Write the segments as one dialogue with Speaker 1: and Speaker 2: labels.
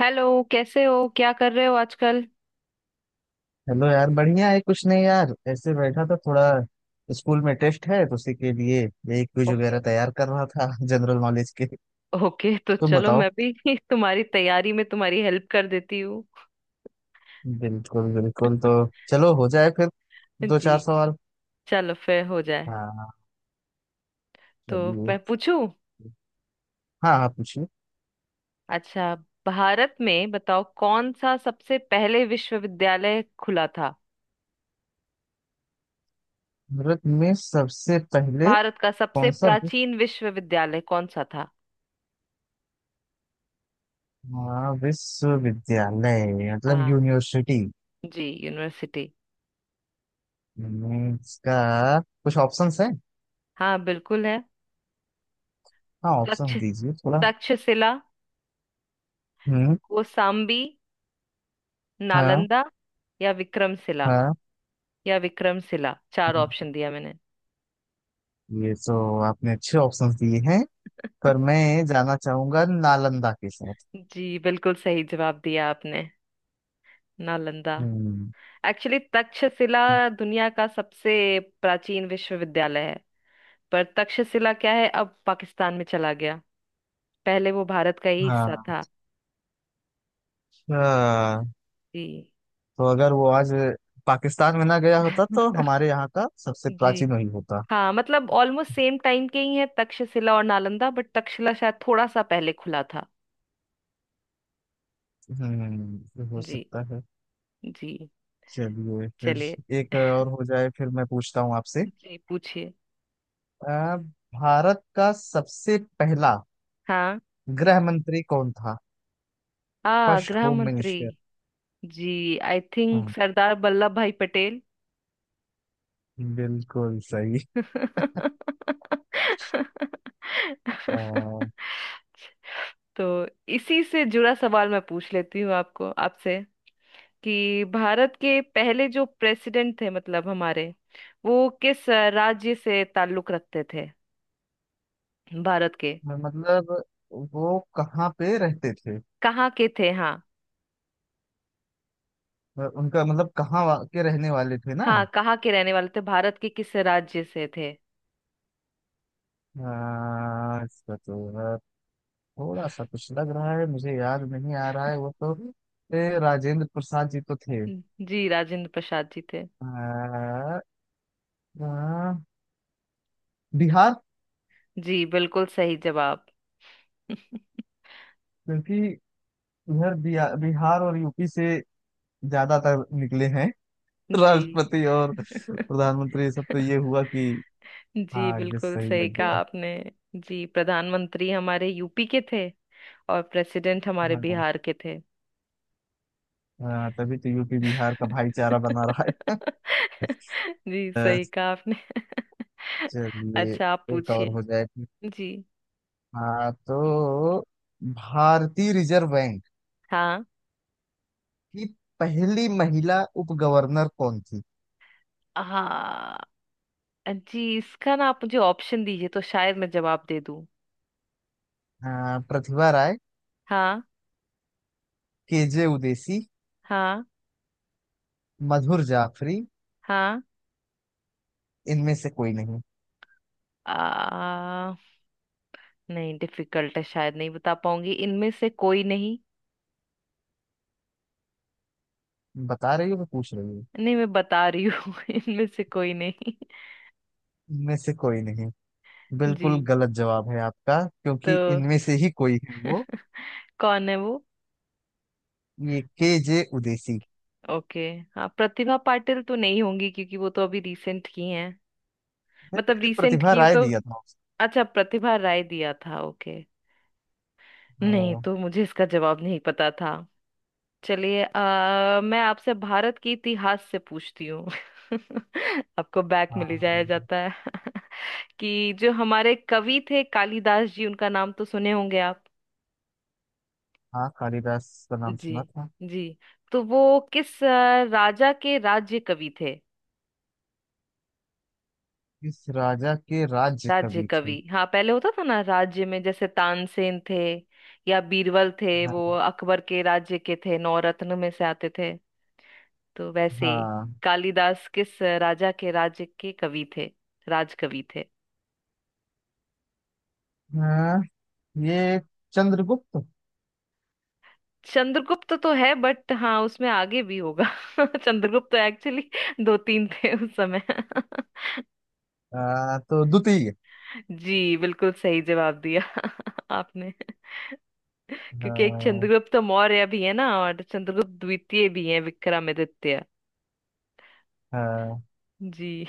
Speaker 1: Hello, कैसे हो? क्या कर रहे हो आजकल?
Speaker 2: हेलो यार, बढ़िया है। कुछ नहीं यार, ऐसे बैठा था। थोड़ा स्कूल में टेस्ट है तो उसी के लिए यही क्विज
Speaker 1: ओके।
Speaker 2: वगैरह तैयार कर रहा था जनरल नॉलेज के।
Speaker 1: ओके, तो
Speaker 2: तुम
Speaker 1: चलो
Speaker 2: बताओ।
Speaker 1: मैं भी तुम्हारी तैयारी में तुम्हारी हेल्प कर देती हूँ।
Speaker 2: बिल्कुल बिल्कुल, तो चलो हो जाए फिर। दो
Speaker 1: जी।
Speaker 2: चार सवाल।
Speaker 1: चलो फिर हो जाए।
Speaker 2: हाँ।
Speaker 1: तो
Speaker 2: चलिए।
Speaker 1: मैं पूछूं?
Speaker 2: हाँ हाँ, पूछिए।
Speaker 1: अच्छा, भारत में बताओ कौन सा सबसे पहले विश्वविद्यालय खुला था?
Speaker 2: भारत में सबसे पहले
Speaker 1: भारत का सबसे
Speaker 2: कौन सा
Speaker 1: प्राचीन विश्वविद्यालय कौन सा था?
Speaker 2: हाँ, विश्वविद्यालय मतलब
Speaker 1: हाँ।
Speaker 2: यूनिवर्सिटी।
Speaker 1: जी, यूनिवर्सिटी।
Speaker 2: इसका कुछ ऑप्शंस है।
Speaker 1: हाँ बिल्कुल है।
Speaker 2: हाँ,
Speaker 1: तक्ष,
Speaker 2: ऑप्शन दीजिए थोड़ा।
Speaker 1: तक्षशिला,
Speaker 2: हम्म।
Speaker 1: कौसाम्बी,
Speaker 2: हाँ।
Speaker 1: नालंदा या विक्रमशिला,
Speaker 2: हाँ।
Speaker 1: या विक्रमशिला। चार
Speaker 2: हम्म।
Speaker 1: ऑप्शन दिया मैंने।
Speaker 2: ये तो आपने अच्छे ऑप्शंस दिए हैं, पर मैं जाना चाहूंगा नालंदा के साथ।
Speaker 1: जी, बिल्कुल सही जवाब दिया आपने। नालंदा।
Speaker 2: हम्म।
Speaker 1: एक्चुअली तक्षशिला दुनिया का सबसे प्राचीन विश्वविद्यालय है। पर तक्षशिला क्या है, अब पाकिस्तान में चला गया। पहले वो भारत का ही हिस्सा
Speaker 2: हाँ।
Speaker 1: था।
Speaker 2: अच्छा,
Speaker 1: जी।
Speaker 2: तो अगर वो आज पाकिस्तान में ना गया होता तो हमारे यहाँ का सबसे
Speaker 1: जी।
Speaker 2: प्राचीन वही होता।
Speaker 1: हाँ मतलब ऑलमोस्ट सेम टाइम के ही है तक्षशिला और नालंदा, बट तक्षशिला शायद थोड़ा सा पहले खुला था।
Speaker 2: हम्म, ये हो
Speaker 1: जी।
Speaker 2: सकता है।
Speaker 1: जी।
Speaker 2: चलिए,
Speaker 1: चलिए।
Speaker 2: फिर एक और हो जाए। फिर मैं पूछता हूँ आपसे।
Speaker 1: जी पूछिए।
Speaker 2: अ, भारत का सबसे पहला
Speaker 1: हाँ।
Speaker 2: गृह मंत्री कौन था?
Speaker 1: आ
Speaker 2: फर्स्ट
Speaker 1: गृह
Speaker 2: होम
Speaker 1: मंत्री।
Speaker 2: मिनिस्टर।
Speaker 1: जी, I think
Speaker 2: hmm,
Speaker 1: Sardar Vallabh Bhai Patel.
Speaker 2: बिल्कुल सही। अ,
Speaker 1: तो इसी से जुड़ा सवाल मैं पूछ लेती हूँ आपको, आपसे कि भारत के पहले जो प्रेसिडेंट थे, मतलब हमारे, वो किस राज्य से ताल्लुक रखते थे, भारत के।
Speaker 2: मतलब वो कहाँ पे रहते थे?
Speaker 1: कहाँ के थे, हाँ।
Speaker 2: उनका मतलब कहाँ के रहने वाले थे ना?
Speaker 1: हाँ, कहाँ के रहने वाले थे? भारत के किस राज्य से थे?
Speaker 2: इसका तो थोड़ा सा कुछ लग रहा है। मुझे याद नहीं आ रहा है वो तो। राजेंद्र प्रसाद जी तो थे।
Speaker 1: जी, राजेंद्र प्रसाद जी थे।
Speaker 2: आ, आ, बिहार।
Speaker 1: जी बिल्कुल सही जवाब।
Speaker 2: क्योंकि इधर बिहार, बिहार और यूपी से ज्यादातर निकले हैं
Speaker 1: जी।
Speaker 2: राष्ट्रपति और प्रधानमंत्री, ये सब। तो ये हुआ कि।
Speaker 1: जी
Speaker 2: हाँ, ये
Speaker 1: बिल्कुल
Speaker 2: सही
Speaker 1: सही
Speaker 2: लग
Speaker 1: कहा
Speaker 2: गया।
Speaker 1: आपने। जी, प्रधानमंत्री हमारे यूपी के थे और प्रेसिडेंट हमारे
Speaker 2: हाँ।
Speaker 1: बिहार के थे।
Speaker 2: हाँ, तभी तो यूपी बिहार का भाईचारा बना रहा है।
Speaker 1: जी सही कहा आपने।
Speaker 2: चलिए,
Speaker 1: अच्छा, आप
Speaker 2: एक और
Speaker 1: पूछिए।
Speaker 2: हो जाए फिर।
Speaker 1: जी।
Speaker 2: हाँ तो, भारतीय रिजर्व बैंक
Speaker 1: हाँ।
Speaker 2: की पहली महिला उप गवर्नर कौन थी?
Speaker 1: हाँ। जी इसका ना आप मुझे ऑप्शन दीजिए तो शायद मैं जवाब दे दूं।
Speaker 2: हाँ, प्रतिभा राय,
Speaker 1: हाँ।
Speaker 2: केजे उदेसी,
Speaker 1: हाँ।
Speaker 2: मधुर जाफरी,
Speaker 1: हाँ।
Speaker 2: इनमें से कोई नहीं।
Speaker 1: आ, नहीं, डिफिकल्ट है, शायद नहीं बता पाऊंगी, इनमें से कोई नहीं।
Speaker 2: बता रही हो, मैं पूछ रही हूँ।
Speaker 1: नहीं मैं बता रही हूँ इनमें से कोई नहीं।
Speaker 2: इनमें से कोई नहीं?
Speaker 1: जी।
Speaker 2: बिल्कुल गलत जवाब है आपका,
Speaker 1: तो
Speaker 2: क्योंकि इनमें से ही कोई है वो।
Speaker 1: कौन है वो?
Speaker 2: ये के जे उदेसी।
Speaker 1: ओके। हाँ प्रतिभा पाटिल तो नहीं होंगी क्योंकि वो तो अभी रिसेंट की हैं। मतलब
Speaker 2: मैंने
Speaker 1: रिसेंट
Speaker 2: प्रतिभा
Speaker 1: की
Speaker 2: राय
Speaker 1: तो।
Speaker 2: दिया था उसको।
Speaker 1: अच्छा, प्रतिभा राय दिया था, ओके। नहीं
Speaker 2: हाँ।
Speaker 1: तो मुझे इसका जवाब नहीं पता था। चलिए, मैं आपसे भारत के इतिहास से पूछती हूँ। आपको बैक मिल ही जाया
Speaker 2: हाँ।
Speaker 1: जाता है। कि जो हमारे कवि थे कालिदास जी, उनका नाम तो सुने होंगे आप।
Speaker 2: हाँ, कालिदास का नाम
Speaker 1: जी।
Speaker 2: सुना था।
Speaker 1: जी। तो वो किस राजा के राज्य कवि थे?
Speaker 2: किस राजा के राज्य
Speaker 1: राज्य
Speaker 2: कवि
Speaker 1: कवि,
Speaker 2: थे?
Speaker 1: हाँ पहले होता था ना राज्य में, जैसे तानसेन थे या बीरबल थे, वो
Speaker 2: हाँ।
Speaker 1: अकबर के राज्य के थे, नौरत्न में से आते थे। तो वैसे ही
Speaker 2: हाँ।
Speaker 1: कालिदास किस राजा के राज्य के कवि थे, राजकवि थे?
Speaker 2: हाँ, ये चंद्रगुप्त।
Speaker 1: चंद्रगुप्त तो है, बट हाँ उसमें आगे भी होगा। चंद्रगुप्त तो एक्चुअली दो तीन थे उस समय।
Speaker 2: तो द्वितीय।
Speaker 1: जी बिल्कुल सही जवाब दिया आपने, क्योंकि एक
Speaker 2: हाँ।
Speaker 1: चंद्रगुप्त मौर्य भी है ना और चंद्रगुप्त द्वितीय भी है विक्रमादित्य।
Speaker 2: हाँ।
Speaker 1: जी।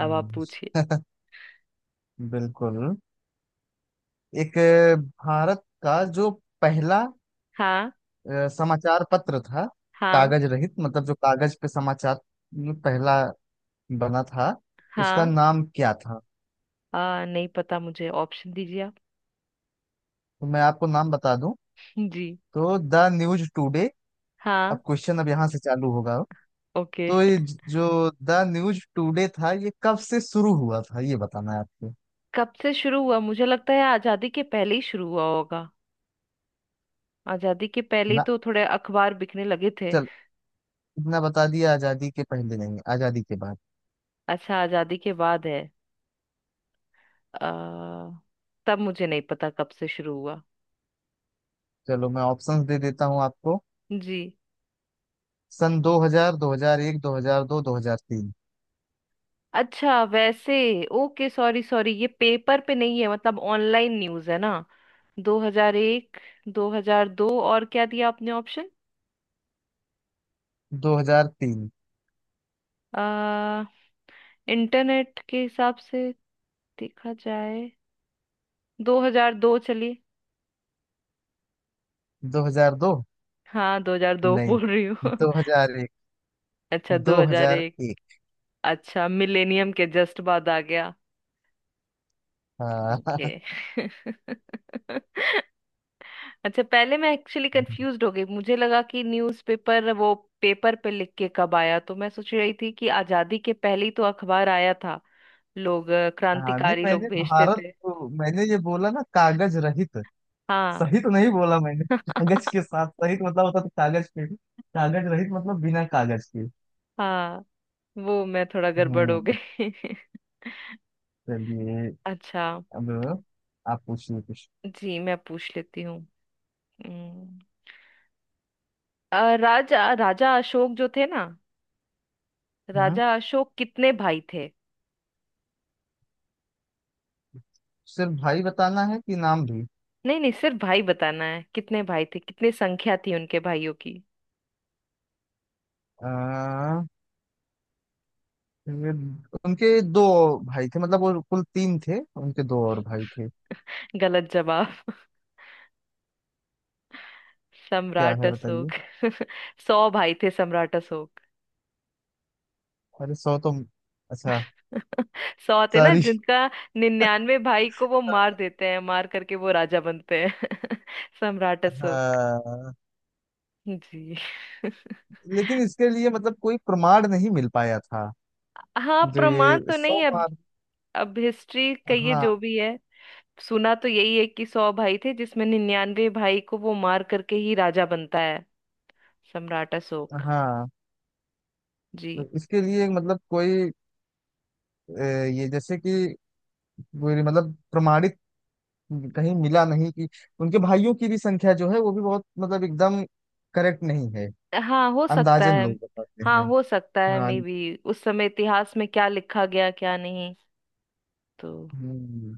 Speaker 1: अब आप पूछिए।
Speaker 2: बिल्कुल। एक, भारत का जो पहला
Speaker 1: हाँ।
Speaker 2: समाचार पत्र था,
Speaker 1: हाँ।
Speaker 2: कागज रहित, मतलब जो कागज पे समाचार पहला बना था, उसका
Speaker 1: हाँ।
Speaker 2: नाम क्या था?
Speaker 1: नहीं पता मुझे, ऑप्शन दीजिए आप।
Speaker 2: तो मैं आपको नाम बता दूं।
Speaker 1: जी।
Speaker 2: तो द न्यूज टुडे।
Speaker 1: हाँ।
Speaker 2: अब क्वेश्चन अब यहाँ से चालू होगा।
Speaker 1: ओके।
Speaker 2: तो ये जो द न्यूज टुडे था, ये कब से शुरू हुआ था, ये बताना है आपको।
Speaker 1: कब से शुरू हुआ? मुझे लगता है आजादी के पहले ही शुरू हुआ होगा। आजादी के पहले ही
Speaker 2: ना।
Speaker 1: तो थोड़े अखबार बिकने लगे थे।
Speaker 2: चल, इतना बता दिया। आजादी के पहले नहीं, आजादी के बाद।
Speaker 1: अच्छा, आजादी के बाद है। आ, तब मुझे नहीं पता कब से शुरू हुआ।
Speaker 2: चलो, मैं ऑप्शंस दे देता हूँ आपको।
Speaker 1: जी।
Speaker 2: सन 2000, 2001, 2002, 2003।
Speaker 1: अच्छा वैसे। ओके सॉरी सॉरी, ये पेपर पे नहीं है, मतलब ऑनलाइन न्यूज़ है ना। 2001, 2002 और क्या दिया आपने ऑप्शन?
Speaker 2: 2003।
Speaker 1: इंटरनेट के हिसाब से देखा जाए, 2002। चलिए,
Speaker 2: 2002।
Speaker 1: हाँ 2002
Speaker 2: नहीं,
Speaker 1: बोल रही हूँ।
Speaker 2: 2001।
Speaker 1: अच्छा 2001।
Speaker 2: 2001।
Speaker 1: अच्छा, मिलेनियम के जस्ट बाद आ गया।
Speaker 2: हाँ।
Speaker 1: ओके। अच्छा, पहले मैं एक्चुअली कंफ्यूज हो गई, मुझे लगा कि न्यूज़पेपर वो पेपर पे लिख के कब आया, तो मैं सोच रही थी कि आजादी के पहले ही तो अखबार आया था, लोग
Speaker 2: हाँ, नहीं
Speaker 1: क्रांतिकारी लोग
Speaker 2: मैंने
Speaker 1: भेजते
Speaker 2: भारत
Speaker 1: थे।
Speaker 2: को मैंने ये बोला ना, कागज रहित।
Speaker 1: हाँ।
Speaker 2: सही तो नहीं बोला मैंने। कागज के साथ सहित मतलब होता तो कागज पे। कागज रहित मतलब बिना कागज के।
Speaker 1: हाँ वो मैं थोड़ा गड़बड़ हो
Speaker 2: हम्म।
Speaker 1: गई।
Speaker 2: चलिए,
Speaker 1: अच्छा।
Speaker 2: अब आप पूछिए कुछ।
Speaker 1: जी मैं पूछ लेती हूँ। हम्म, राजा, राजा अशोक जो थे ना,
Speaker 2: हाँ,
Speaker 1: राजा अशोक कितने भाई थे?
Speaker 2: सिर्फ भाई बताना है कि नाम भी?
Speaker 1: नहीं नहीं, सिर्फ भाई बताना है कितने भाई थे, कितनी संख्या थी उनके भाइयों की।
Speaker 2: आ, ये उनके दो भाई थे, मतलब वो कुल तीन थे, उनके दो और भाई थे।
Speaker 1: गलत जवाब।
Speaker 2: क्या
Speaker 1: सम्राट
Speaker 2: है,
Speaker 1: अशोक।
Speaker 2: बताइए?
Speaker 1: सौ भाई थे सम्राट अशोक।
Speaker 2: अरे, 100 तो। अच्छा।
Speaker 1: सौ थे ना
Speaker 2: सॉरी।
Speaker 1: जिनका। निन्यानवे भाई को वो मार देते हैं, मार करके वो राजा बनते हैं। सम्राट अशोक।
Speaker 2: हाँ।
Speaker 1: जी।
Speaker 2: लेकिन इसके लिए मतलब कोई प्रमाण नहीं मिल पाया था।
Speaker 1: हाँ
Speaker 2: जो
Speaker 1: प्रमाण
Speaker 2: ये
Speaker 1: तो
Speaker 2: 100
Speaker 1: नहीं अब।
Speaker 2: मार।
Speaker 1: अब हिस्ट्री कहिए जो
Speaker 2: हाँ।
Speaker 1: भी है। सुना तो यही है कि सौ भाई थे, जिसमें निन्यानवे भाई को वो मार करके ही राजा बनता है। सम्राट अशोक।
Speaker 2: हाँ,
Speaker 1: जी।
Speaker 2: तो इसके लिए मतलब कोई अ, ये जैसे कि कोई मतलब प्रमाणित कहीं मिला नहीं कि उनके भाइयों की भी संख्या जो है वो भी बहुत मतलब एकदम करेक्ट नहीं है।
Speaker 1: हाँ हो सकता
Speaker 2: अंदाजन
Speaker 1: है।
Speaker 2: लोग बताते
Speaker 1: हाँ
Speaker 2: हैं।
Speaker 1: हो सकता है,
Speaker 2: हाँ।
Speaker 1: मे बी उस समय इतिहास में क्या लिखा गया क्या नहीं। तो
Speaker 2: हम्म,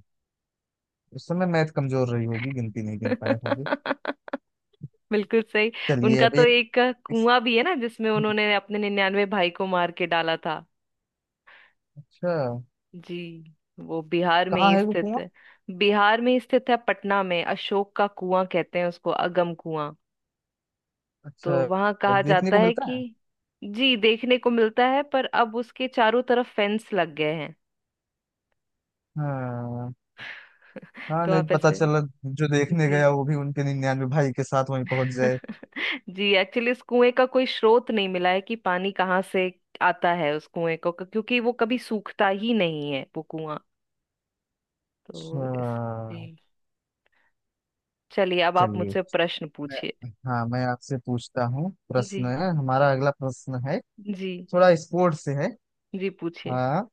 Speaker 2: उस समय मैथ कमजोर रही होगी, गिनती नहीं गिन पाए होंगे।
Speaker 1: बिल्कुल सही।
Speaker 2: चलिए,
Speaker 1: उनका
Speaker 2: अब
Speaker 1: तो
Speaker 2: ये
Speaker 1: एक
Speaker 2: इस-
Speaker 1: कुआं भी है ना, जिसमें
Speaker 2: हम्म।
Speaker 1: उन्होंने अपने निन्यानवे भाई को मार के डाला था।
Speaker 2: अच्छा,
Speaker 1: जी, वो बिहार में
Speaker 2: कहाँ
Speaker 1: ही
Speaker 2: है वो
Speaker 1: स्थित
Speaker 2: कुआं?
Speaker 1: है। बिहार में ही स्थित है, पटना में, अशोक का कुआं कहते हैं उसको, अगम कुआं। तो
Speaker 2: अच्छा।
Speaker 1: वहां कहा
Speaker 2: देखने
Speaker 1: जाता
Speaker 2: को
Speaker 1: है
Speaker 2: मिलता
Speaker 1: कि,
Speaker 2: है?
Speaker 1: जी, देखने को मिलता है, पर अब उसके चारों तरफ फेंस लग गए हैं।
Speaker 2: हाँ। हाँ,
Speaker 1: तो
Speaker 2: नहीं
Speaker 1: आप
Speaker 2: पता
Speaker 1: ऐसे।
Speaker 2: चला, जो देखने
Speaker 1: जी।
Speaker 2: गया वो भी उनके 99 भाई के साथ वहीं पहुंच जाए।
Speaker 1: जी एक्चुअली इस कुएं का कोई स्रोत नहीं मिला है कि पानी कहाँ से आता है उस कुएं को, क्योंकि वो कभी सूखता ही नहीं है वो कुआं। तो
Speaker 2: अच्छा।
Speaker 1: इस। जी, चलिए अब आप
Speaker 2: चलिए।
Speaker 1: मुझसे प्रश्न पूछिए।
Speaker 2: हाँ, मैं आपसे पूछता हूँ।
Speaker 1: जी।
Speaker 2: प्रश्न है, हमारा अगला प्रश्न है।
Speaker 1: जी।
Speaker 2: थोड़ा स्पोर्ट से है।
Speaker 1: जी पूछिए।
Speaker 2: हाँ,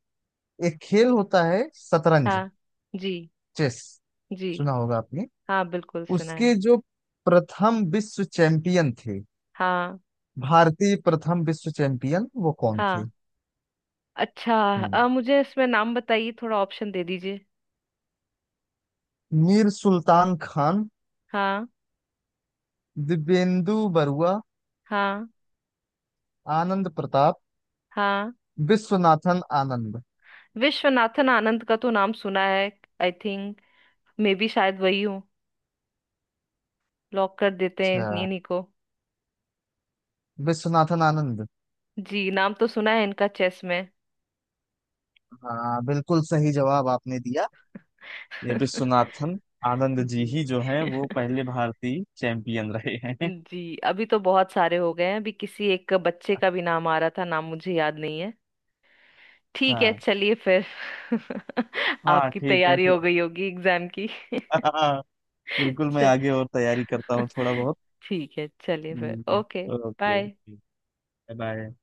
Speaker 2: एक खेल होता है शतरंज।
Speaker 1: हाँ। जी।
Speaker 2: चेस।
Speaker 1: जी।
Speaker 2: सुना होगा आपने?
Speaker 1: हाँ बिल्कुल सुना है।
Speaker 2: उसके जो प्रथम विश्व चैंपियन थे,
Speaker 1: हाँ।
Speaker 2: भारतीय प्रथम विश्व चैंपियन, वो कौन
Speaker 1: हाँ।
Speaker 2: थे?
Speaker 1: अच्छा
Speaker 2: हम्म।
Speaker 1: मुझे इसमें नाम बताइए थोड़ा, ऑप्शन दे दीजिए।
Speaker 2: मीर सुल्तान खान,
Speaker 1: हाँ।
Speaker 2: दिव्येंदु बरुआ,
Speaker 1: हाँ।
Speaker 2: आनंद प्रताप,
Speaker 1: हाँ।
Speaker 2: विश्वनाथन आनंद।
Speaker 1: विश्वनाथन आनंद का तो नाम सुना है। आई थिंक, मे बी शायद वही हो। लॉक कर देते हैं
Speaker 2: अच्छा।
Speaker 1: इन्हीं को।
Speaker 2: विश्वनाथन आनंद।
Speaker 1: जी, नाम तो सुना है इनका चेस में।
Speaker 2: हाँ, बिल्कुल सही जवाब आपने दिया। ये विश्वनाथन आनंद जी ही
Speaker 1: जी।
Speaker 2: जो हैं, वो पहले भारतीय चैंपियन रहे हैं।
Speaker 1: जी अभी तो बहुत सारे हो गए हैं, अभी किसी एक बच्चे का भी नाम आ रहा था, नाम मुझे याद नहीं है। ठीक है
Speaker 2: हाँ।
Speaker 1: चलिए फिर।
Speaker 2: हाँ,
Speaker 1: आपकी
Speaker 2: ठीक है
Speaker 1: तैयारी
Speaker 2: फिर।
Speaker 1: हो गई होगी एग्जाम की।
Speaker 2: हाँ, बिल्कुल। मैं
Speaker 1: च-
Speaker 2: आगे और तैयारी करता हूँ थोड़ा बहुत।
Speaker 1: ठीक है चलिए फिर,
Speaker 2: hmm.
Speaker 1: Okay.
Speaker 2: Okay,
Speaker 1: bye.
Speaker 2: Bye. Bye.